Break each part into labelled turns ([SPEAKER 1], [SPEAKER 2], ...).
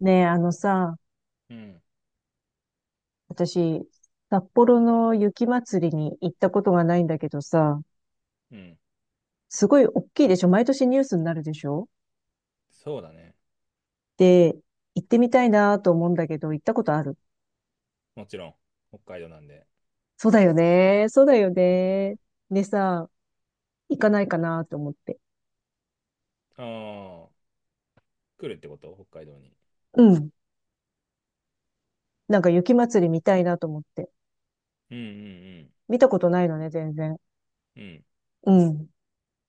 [SPEAKER 1] ねえ、あのさ、
[SPEAKER 2] うん。
[SPEAKER 1] 私、札幌の雪まつりに行ったことがないんだけどさ、
[SPEAKER 2] うん。
[SPEAKER 1] すごい大きいでしょ？毎年ニュースになるでしょ？
[SPEAKER 2] そうだね。
[SPEAKER 1] で、行ってみたいなと思うんだけど、行ったことある？
[SPEAKER 2] もちろん。北海道なんで。
[SPEAKER 1] そうだよね。そうだよね。でさ、行かないかなと思って。
[SPEAKER 2] ああー、来るってこと北海道に？
[SPEAKER 1] うん。なんか雪まつり見たいなと思って。
[SPEAKER 2] うんうん
[SPEAKER 1] 見たことないのね、全然。
[SPEAKER 2] うん。うん。
[SPEAKER 1] うん。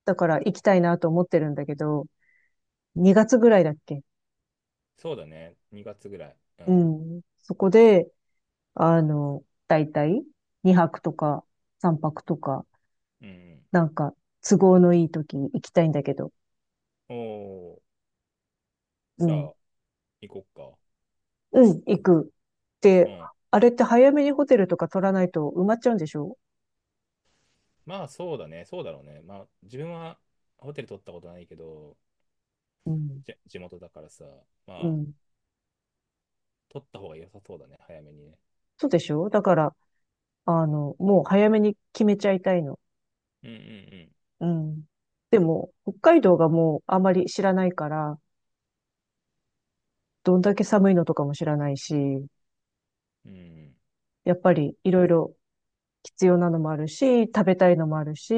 [SPEAKER 1] だから行きたいなと思ってるんだけど、2月ぐらいだっけ？
[SPEAKER 2] そうだね。2月ぐらい。う
[SPEAKER 1] う
[SPEAKER 2] ん。
[SPEAKER 1] ん。そこで、だいたい2泊とか3泊とか、
[SPEAKER 2] うんうん。
[SPEAKER 1] なんか都合のいい時に行きたいんだけど、
[SPEAKER 2] おー。
[SPEAKER 1] う
[SPEAKER 2] じゃ
[SPEAKER 1] ん、
[SPEAKER 2] あ、行こっか。
[SPEAKER 1] うん、行く。で、
[SPEAKER 2] うん。
[SPEAKER 1] あれって早めにホテルとか取らないと埋まっちゃうんでしょ？
[SPEAKER 2] まあ、そうだね。そうだろうね。まあ、自分はホテル取ったことないけど、
[SPEAKER 1] うん、
[SPEAKER 2] 地元だからさ、
[SPEAKER 1] う
[SPEAKER 2] まあ、
[SPEAKER 1] ん。
[SPEAKER 2] 取った方が良さそうだね。早めにね。
[SPEAKER 1] そうでしょ？だから、もう早めに決めちゃいたいの。
[SPEAKER 2] うん
[SPEAKER 1] うん。でも、北海道がもうあまり知らないから、どんだけ寒いのとかも知らないし、
[SPEAKER 2] うんうん。
[SPEAKER 1] やっぱりいろいろ必要なのもあるし、食べたいのもあるし、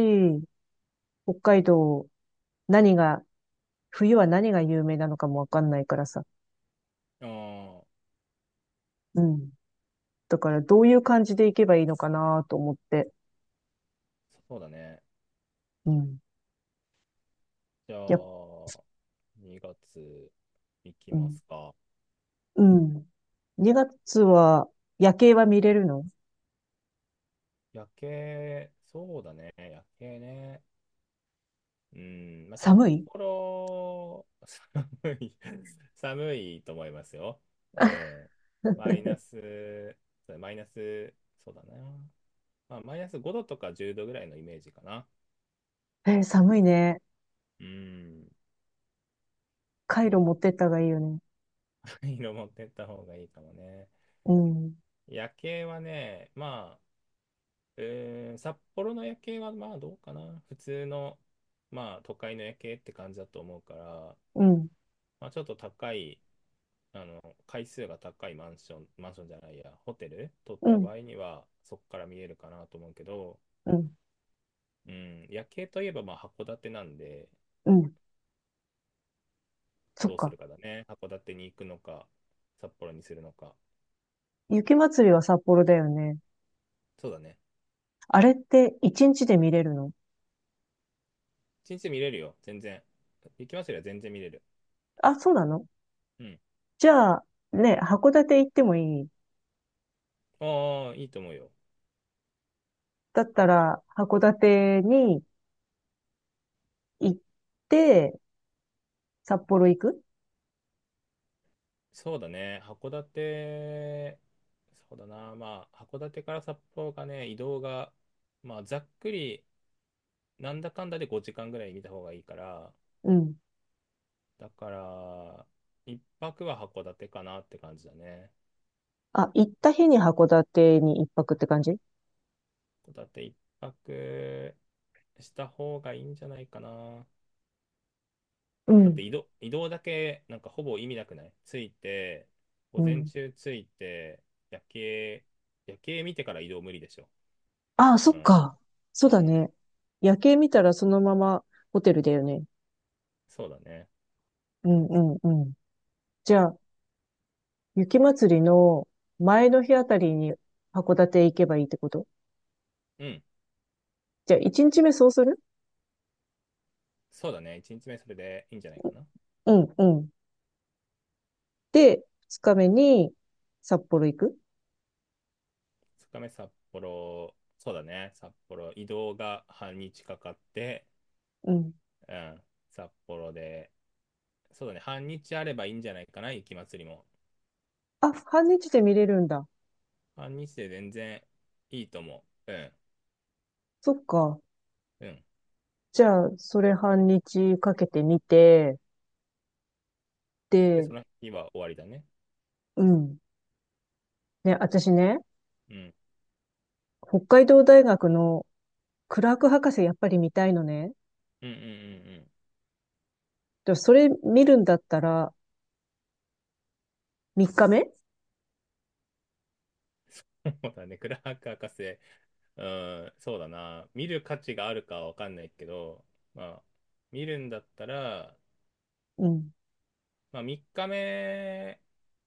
[SPEAKER 1] 北海道何が、冬は何が有名なのかもわかんないからさ。
[SPEAKER 2] うん。ああ、
[SPEAKER 1] うん。だからどういう感じで行けばいいのかなと思って。
[SPEAKER 2] そうだね。
[SPEAKER 1] うん。
[SPEAKER 2] じゃ
[SPEAKER 1] やっ、
[SPEAKER 2] あ、2月いき
[SPEAKER 1] う
[SPEAKER 2] ま
[SPEAKER 1] ん。
[SPEAKER 2] すか？
[SPEAKER 1] うん。2月は夜景は見れるの？
[SPEAKER 2] 夜景、そうだね、夜景ね。うん、まあ、札
[SPEAKER 1] 寒い？
[SPEAKER 2] 幌、寒い、寒いと思いますよ。うん。マイナス、マイナス、そうだな。まあ、マイナス5度とか10度ぐらいのイメージかな。
[SPEAKER 1] えー寒いね。
[SPEAKER 2] うん、
[SPEAKER 1] カイ
[SPEAKER 2] そう
[SPEAKER 1] ロ
[SPEAKER 2] だね、
[SPEAKER 1] 持ってった方がいいよね。
[SPEAKER 2] 色持ってった方がいいかもね。
[SPEAKER 1] うん。
[SPEAKER 2] 夜景はね、まあ、札幌の夜景はまあどうかな。普通の、まあ都会の夜景って感じだと思うから、
[SPEAKER 1] うん。
[SPEAKER 2] まあちょっと高い、階数が高いマンション、マンションじゃないや、ホテル取っ
[SPEAKER 1] う
[SPEAKER 2] た
[SPEAKER 1] ん。
[SPEAKER 2] 場合にはそこから見えるかなと思うけど、
[SPEAKER 1] うん。
[SPEAKER 2] うん、夜景といえばまあ函館なんで、
[SPEAKER 1] うん。そっ
[SPEAKER 2] どうす
[SPEAKER 1] か。
[SPEAKER 2] るかだね。函館に行くのか、札幌にするのか。
[SPEAKER 1] 雪祭りは札幌だよね。
[SPEAKER 2] そうだね。
[SPEAKER 1] あれって1日で見れるの？
[SPEAKER 2] 一日見れるよ、全然。行きますよりは全然見れる。
[SPEAKER 1] あ、そうなの？
[SPEAKER 2] うん。
[SPEAKER 1] じゃあ、ね、函館行ってもいい？
[SPEAKER 2] ああ、いいと思うよ。
[SPEAKER 1] だったら、函館に行って、札幌行く？
[SPEAKER 2] そうだね、函館、そうだな、まあ、函館から札幌がね、移動が、まあ、ざっくり、なんだかんだで5時間ぐらい見た方がいいから、
[SPEAKER 1] うん。
[SPEAKER 2] だから、一泊は函館かなって感じだね。
[SPEAKER 1] あ、行った日に函館に一泊って感じ？
[SPEAKER 2] 函館一泊した方がいいんじゃないかな。
[SPEAKER 1] う
[SPEAKER 2] だって
[SPEAKER 1] ん。
[SPEAKER 2] 移動、移動だけ、なんかほぼ意味なくないついて、午
[SPEAKER 1] う
[SPEAKER 2] 前
[SPEAKER 1] ん。
[SPEAKER 2] 中ついて、夜景、夜景見てから移動無理でしょ。
[SPEAKER 1] ああ、そ
[SPEAKER 2] う
[SPEAKER 1] っ
[SPEAKER 2] ん、
[SPEAKER 1] か。そう
[SPEAKER 2] う
[SPEAKER 1] だ
[SPEAKER 2] ん、
[SPEAKER 1] ね。夜景見たらそのままホテルだよね。
[SPEAKER 2] そうだね。
[SPEAKER 1] うんうんうん。じゃあ、雪祭りの前の日あたりに函館行けばいいってこと？
[SPEAKER 2] うん。
[SPEAKER 1] じゃあ、一日目そうする？
[SPEAKER 2] そうだね。1日目それでいいんじゃないかな。
[SPEAKER 1] うんうん。で、二日目に札幌行く？
[SPEAKER 2] 2日目札幌、そうだね。札幌、移動が半日かかって、
[SPEAKER 1] うん。
[SPEAKER 2] うん。札幌で、そうだね。半日あればいいんじゃないかな。雪祭りも。
[SPEAKER 1] あ、半日で見れるんだ。
[SPEAKER 2] 半日で全然いいと思う。うん。
[SPEAKER 1] そっか。
[SPEAKER 2] うん。
[SPEAKER 1] じゃあ、それ半日かけて見て、
[SPEAKER 2] で、
[SPEAKER 1] で、
[SPEAKER 2] その日は終わりだね。
[SPEAKER 1] うん。ね、私ね、
[SPEAKER 2] うん。
[SPEAKER 1] 北海道大学のクラーク博士やっぱり見たいのね。
[SPEAKER 2] うんうんうんうん。
[SPEAKER 1] でそれ見るんだったら、3日目？
[SPEAKER 2] そうだね。クラーク博士。うん。そうだな。見る価値があるかはわかんないけど、まあ、見るんだったら、
[SPEAKER 1] うん。
[SPEAKER 2] まあ、3日目、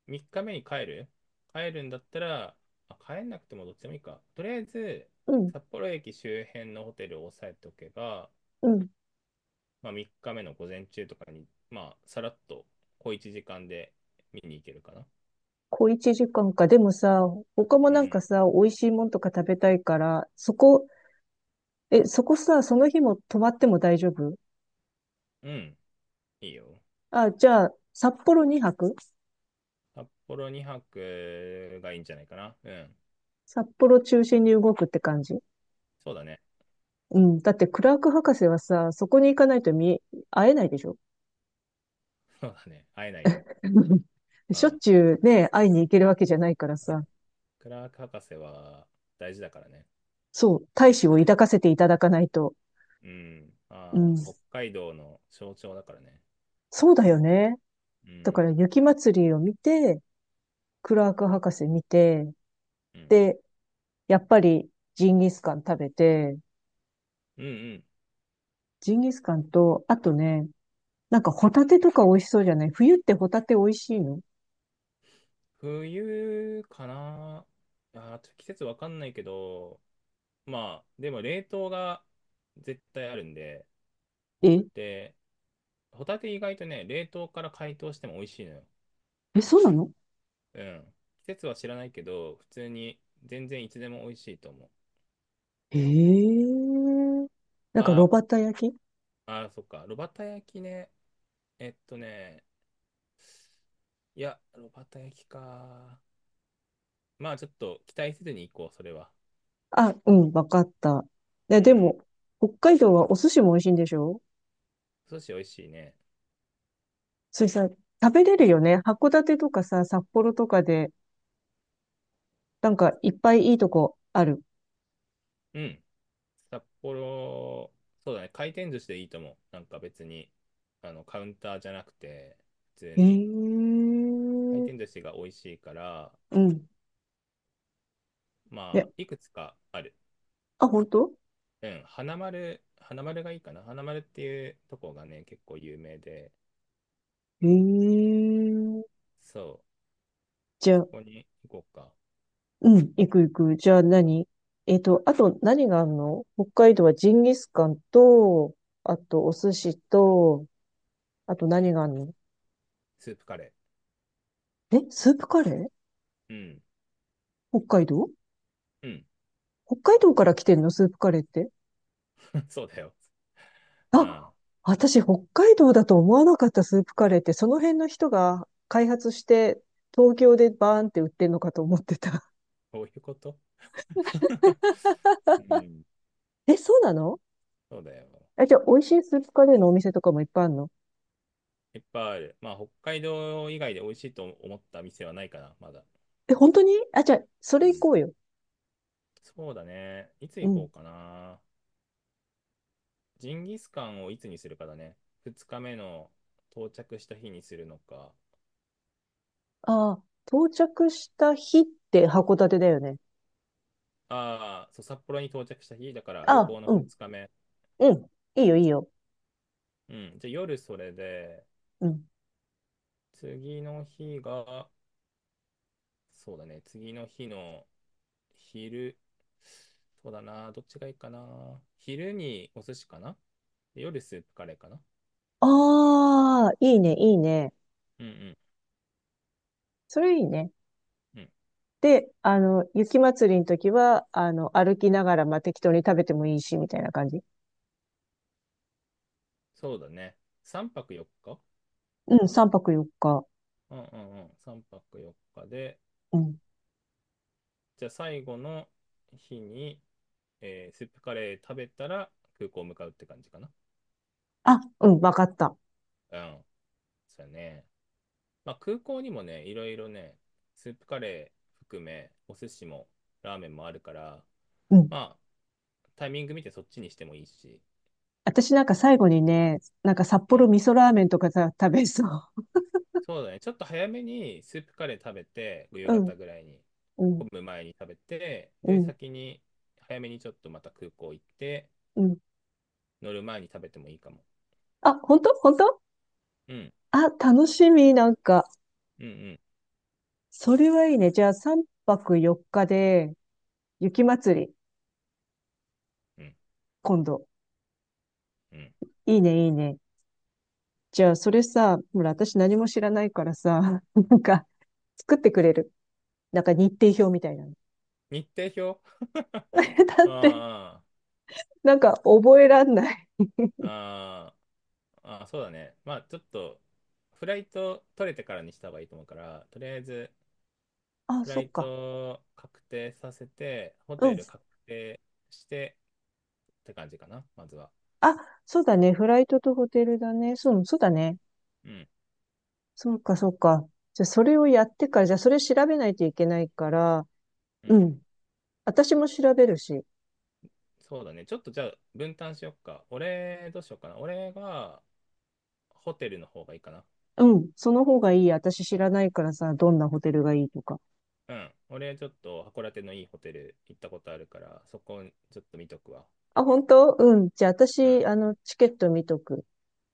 [SPEAKER 2] 3日目に帰るんだったら、まあ、帰んなくてもどっちでもいいか。とりあえず、
[SPEAKER 1] うん。
[SPEAKER 2] 札幌駅周辺のホテルを押さえておけば、
[SPEAKER 1] うん。
[SPEAKER 2] まあ、3日目の午前中とかに、まあ、さらっと小一時間で見に行けるかな。
[SPEAKER 1] 小1時間かんか。でもさ、他も
[SPEAKER 2] う
[SPEAKER 1] なんか
[SPEAKER 2] ん。
[SPEAKER 1] さ、美味しいもんとか食べたいから、そこ、え、そこさ、その日も泊まっても大丈夫？
[SPEAKER 2] うん。いいよ。
[SPEAKER 1] あ、じゃあ、札幌2泊？
[SPEAKER 2] 札幌2泊がいいんじゃないかな。うん。
[SPEAKER 1] 札幌中心に動くって感じ？
[SPEAKER 2] そうだね。
[SPEAKER 1] うん。だってクラーク博士はさ、そこに行かないと見、会えないでしょ？
[SPEAKER 2] そうだね。会えないよ。うん。
[SPEAKER 1] し
[SPEAKER 2] う
[SPEAKER 1] ょっ
[SPEAKER 2] ん。
[SPEAKER 1] ちゅうね、会いに行けるわけじゃないからさ。
[SPEAKER 2] クラーク博士は大事だからね。
[SPEAKER 1] そう、大志を抱かせていただかないと。
[SPEAKER 2] うん。
[SPEAKER 1] う
[SPEAKER 2] ああ、
[SPEAKER 1] ん。
[SPEAKER 2] 北海道の象徴だからね。
[SPEAKER 1] そうだよね。
[SPEAKER 2] う
[SPEAKER 1] だか
[SPEAKER 2] ん。
[SPEAKER 1] ら雪祭りを見て、クラーク博士見て、
[SPEAKER 2] うん。
[SPEAKER 1] で、やっぱりジンギスカン食べて、
[SPEAKER 2] うんうん。
[SPEAKER 1] ジンギスカンと、あとね、なんかホタテとか美味しそうじゃない？冬ってホタテ美味しいの？
[SPEAKER 2] 冬かな。ああ、ちょっと季節わかんないけど、まあ、でも冷凍が絶対あるんで、
[SPEAKER 1] え、
[SPEAKER 2] で、ホタテ意外とね、冷凍から解凍しても美味しいのよ。
[SPEAKER 1] え、そうなの？
[SPEAKER 2] うん。季節は知らないけど、普通に全然いつでも美味しいと思う。
[SPEAKER 1] ええ。なんか、炉
[SPEAKER 2] あ
[SPEAKER 1] 端焼き？
[SPEAKER 2] あ、そっか。炉端焼きね。えっとね、いや、炉端焼きか。まあちょっと期待せずに行こう、それは。
[SPEAKER 1] あ、うん、わかった。いや、
[SPEAKER 2] う
[SPEAKER 1] で
[SPEAKER 2] ん。
[SPEAKER 1] も、北海道はお寿司も美味しいんでしょ？
[SPEAKER 2] 寿司美味しいね。
[SPEAKER 1] それさ、食べれるよね。函館とかさ、札幌とかで、なんかいっぱいいいとこある。
[SPEAKER 2] うん。札幌、そうだね。回転寿司でいいと思う。なんか別に、カウンターじゃなくて、普通
[SPEAKER 1] え
[SPEAKER 2] に。回
[SPEAKER 1] え
[SPEAKER 2] 転
[SPEAKER 1] ー。
[SPEAKER 2] 寿司が美味しいから、
[SPEAKER 1] うん。
[SPEAKER 2] ま
[SPEAKER 1] え、
[SPEAKER 2] あ、いくつかある。
[SPEAKER 1] あ、本当？
[SPEAKER 2] うん。花丸、花丸がいいかな。花丸っていうとこがね、結構有名で。
[SPEAKER 1] ええー。
[SPEAKER 2] そ
[SPEAKER 1] じ
[SPEAKER 2] う。
[SPEAKER 1] ゃ
[SPEAKER 2] そ
[SPEAKER 1] あ、
[SPEAKER 2] こに行こうか。
[SPEAKER 1] うん、行く行く。じゃあ何？あと何があるの？北海道はジンギスカンと、あとお寿司と、あと何があるの？
[SPEAKER 2] スープカレ
[SPEAKER 1] え、スープカレー？
[SPEAKER 2] ー。うん。
[SPEAKER 1] 北海道？
[SPEAKER 2] うん。
[SPEAKER 1] 北海
[SPEAKER 2] そ
[SPEAKER 1] 道
[SPEAKER 2] うだ
[SPEAKER 1] か
[SPEAKER 2] よ。
[SPEAKER 1] ら来てんの？スープカレーって。
[SPEAKER 2] そうだよ。あ
[SPEAKER 1] あ、
[SPEAKER 2] あ、
[SPEAKER 1] 私、北海道だと思わなかった。スープカレーって、その辺の人が開発して、東京でバーンって売ってんのかと思ってた。
[SPEAKER 2] こういうこと？ うん。
[SPEAKER 1] え、そうなの？
[SPEAKER 2] そうだよ。
[SPEAKER 1] あじゃあ、美味しいスープカレーのお店とかもいっぱいあるの？
[SPEAKER 2] いっぱいある。まあ、北海道以外で美味しいと思った店はないかな、まだ。
[SPEAKER 1] え、本当に？あ、じゃあ、そ
[SPEAKER 2] う
[SPEAKER 1] れ行
[SPEAKER 2] ん。
[SPEAKER 1] こうよ。
[SPEAKER 2] そうだね。いつ
[SPEAKER 1] う
[SPEAKER 2] 行こ
[SPEAKER 1] ん。
[SPEAKER 2] うかな。ジンギスカンをいつにするかだね。2日目の到着した日にするのか。
[SPEAKER 1] ああ、到着した日って函館だよね。
[SPEAKER 2] ああ、そう、札幌に到着した日だから
[SPEAKER 1] あ
[SPEAKER 2] 旅
[SPEAKER 1] あ、
[SPEAKER 2] 行の
[SPEAKER 1] うん、
[SPEAKER 2] 2日目。
[SPEAKER 1] うん。いいよ、いいよ。
[SPEAKER 2] うん。じゃあ夜それで、
[SPEAKER 1] うん。
[SPEAKER 2] 次の日が、そうだね。次の日の昼、そうだな。どっちがいいかな。昼にお寿司かな。で夜スープカレーかな。
[SPEAKER 1] ああ、いいね、いいね。
[SPEAKER 2] うんうん
[SPEAKER 1] それいいね。
[SPEAKER 2] うん。
[SPEAKER 1] で、雪祭りの時は、歩きながら、まあ、適当に食べてもいいし、みたいな感じ。
[SPEAKER 2] そうだね。3泊4日。
[SPEAKER 1] うん、3泊4日。
[SPEAKER 2] うんうんうん。3泊4日で、
[SPEAKER 1] うん。
[SPEAKER 2] じゃあ最後の日に、スープカレー食べたら空港向かうって感じかな。
[SPEAKER 1] あ、うん、わかった。
[SPEAKER 2] うん。そうやね。まあ空港にもね、いろいろね、スープカレー含め、お寿司もラーメンもあるから、
[SPEAKER 1] うん。
[SPEAKER 2] まあタイミング見てそっちにしてもいいし。
[SPEAKER 1] 私なんか最後にね、なんか札幌味噌ラーメンとかさ、食べそう。
[SPEAKER 2] そうだね。ちょっと早めにスープカレー食べて、夕
[SPEAKER 1] うん、
[SPEAKER 2] 方ぐらいに、
[SPEAKER 1] うん、
[SPEAKER 2] 混む前に食べて、
[SPEAKER 1] う
[SPEAKER 2] で、
[SPEAKER 1] ん、
[SPEAKER 2] 先に、早めにちょっとまた空港行って、
[SPEAKER 1] うん。
[SPEAKER 2] 乗る前に食べてもいいかも。
[SPEAKER 1] あ、本当本当？
[SPEAKER 2] うん、
[SPEAKER 1] あ、楽しみ、なんか。
[SPEAKER 2] うん、うん、
[SPEAKER 1] それはいいね。じゃあ3泊4日で、雪祭り、
[SPEAKER 2] うん、
[SPEAKER 1] 今度。
[SPEAKER 2] うん。
[SPEAKER 1] いいね、いいね。じゃあそれさ、ほら、私何も知らないからさ、なんか、作ってくれる？なんか日程表みたいなの。
[SPEAKER 2] 日程表。
[SPEAKER 1] だって、
[SPEAKER 2] あ
[SPEAKER 1] なんか覚えらんない。
[SPEAKER 2] あ、あああ、そうだね。まあ、ちょっと、フライト取れてからにした方がいいと思うから、とりあえず、
[SPEAKER 1] あ、
[SPEAKER 2] フ
[SPEAKER 1] そ
[SPEAKER 2] ラ
[SPEAKER 1] っ
[SPEAKER 2] イ
[SPEAKER 1] か。
[SPEAKER 2] ト確定させて、ホ
[SPEAKER 1] う
[SPEAKER 2] テル
[SPEAKER 1] ん。
[SPEAKER 2] 確定してって感じかな、まずは。
[SPEAKER 1] あ、そうだね。フライトとホテルだね。そう、そうだね。
[SPEAKER 2] うん、
[SPEAKER 1] そうか、そうか。じゃあ、それをやってから、じゃあ、それ調べないといけないから、
[SPEAKER 2] う
[SPEAKER 1] う
[SPEAKER 2] ん。
[SPEAKER 1] ん。私も調べるし。
[SPEAKER 2] そうだね。ちょっとじゃあ分担しよっか。俺、どうしようかな。俺がホテルの方がいいかな。
[SPEAKER 1] うん。その方がいい。私知らないからさ、どんなホテルがいいとか。
[SPEAKER 2] うん。俺、ちょっと函館のいいホテル行ったことあるから、そこちょっと見とくわ。
[SPEAKER 1] あ、本当？うん。じゃあ、
[SPEAKER 2] うん。
[SPEAKER 1] 私、チケット見とく。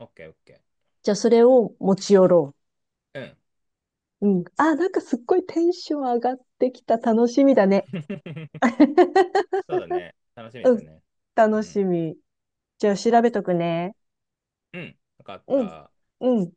[SPEAKER 2] オッケーオッケ
[SPEAKER 1] じゃあ、それを持ち寄ろ
[SPEAKER 2] ー。うん。
[SPEAKER 1] う。うん。あ、なんかすっごいテンション上がってきた。楽しみだね。
[SPEAKER 2] そうだね。楽しみ
[SPEAKER 1] う
[SPEAKER 2] だ
[SPEAKER 1] ん。
[SPEAKER 2] ね。う
[SPEAKER 1] 楽し
[SPEAKER 2] ん。
[SPEAKER 1] み。じゃあ、調べとくね。
[SPEAKER 2] うん。わかっ
[SPEAKER 1] うん。
[SPEAKER 2] た。
[SPEAKER 1] うん。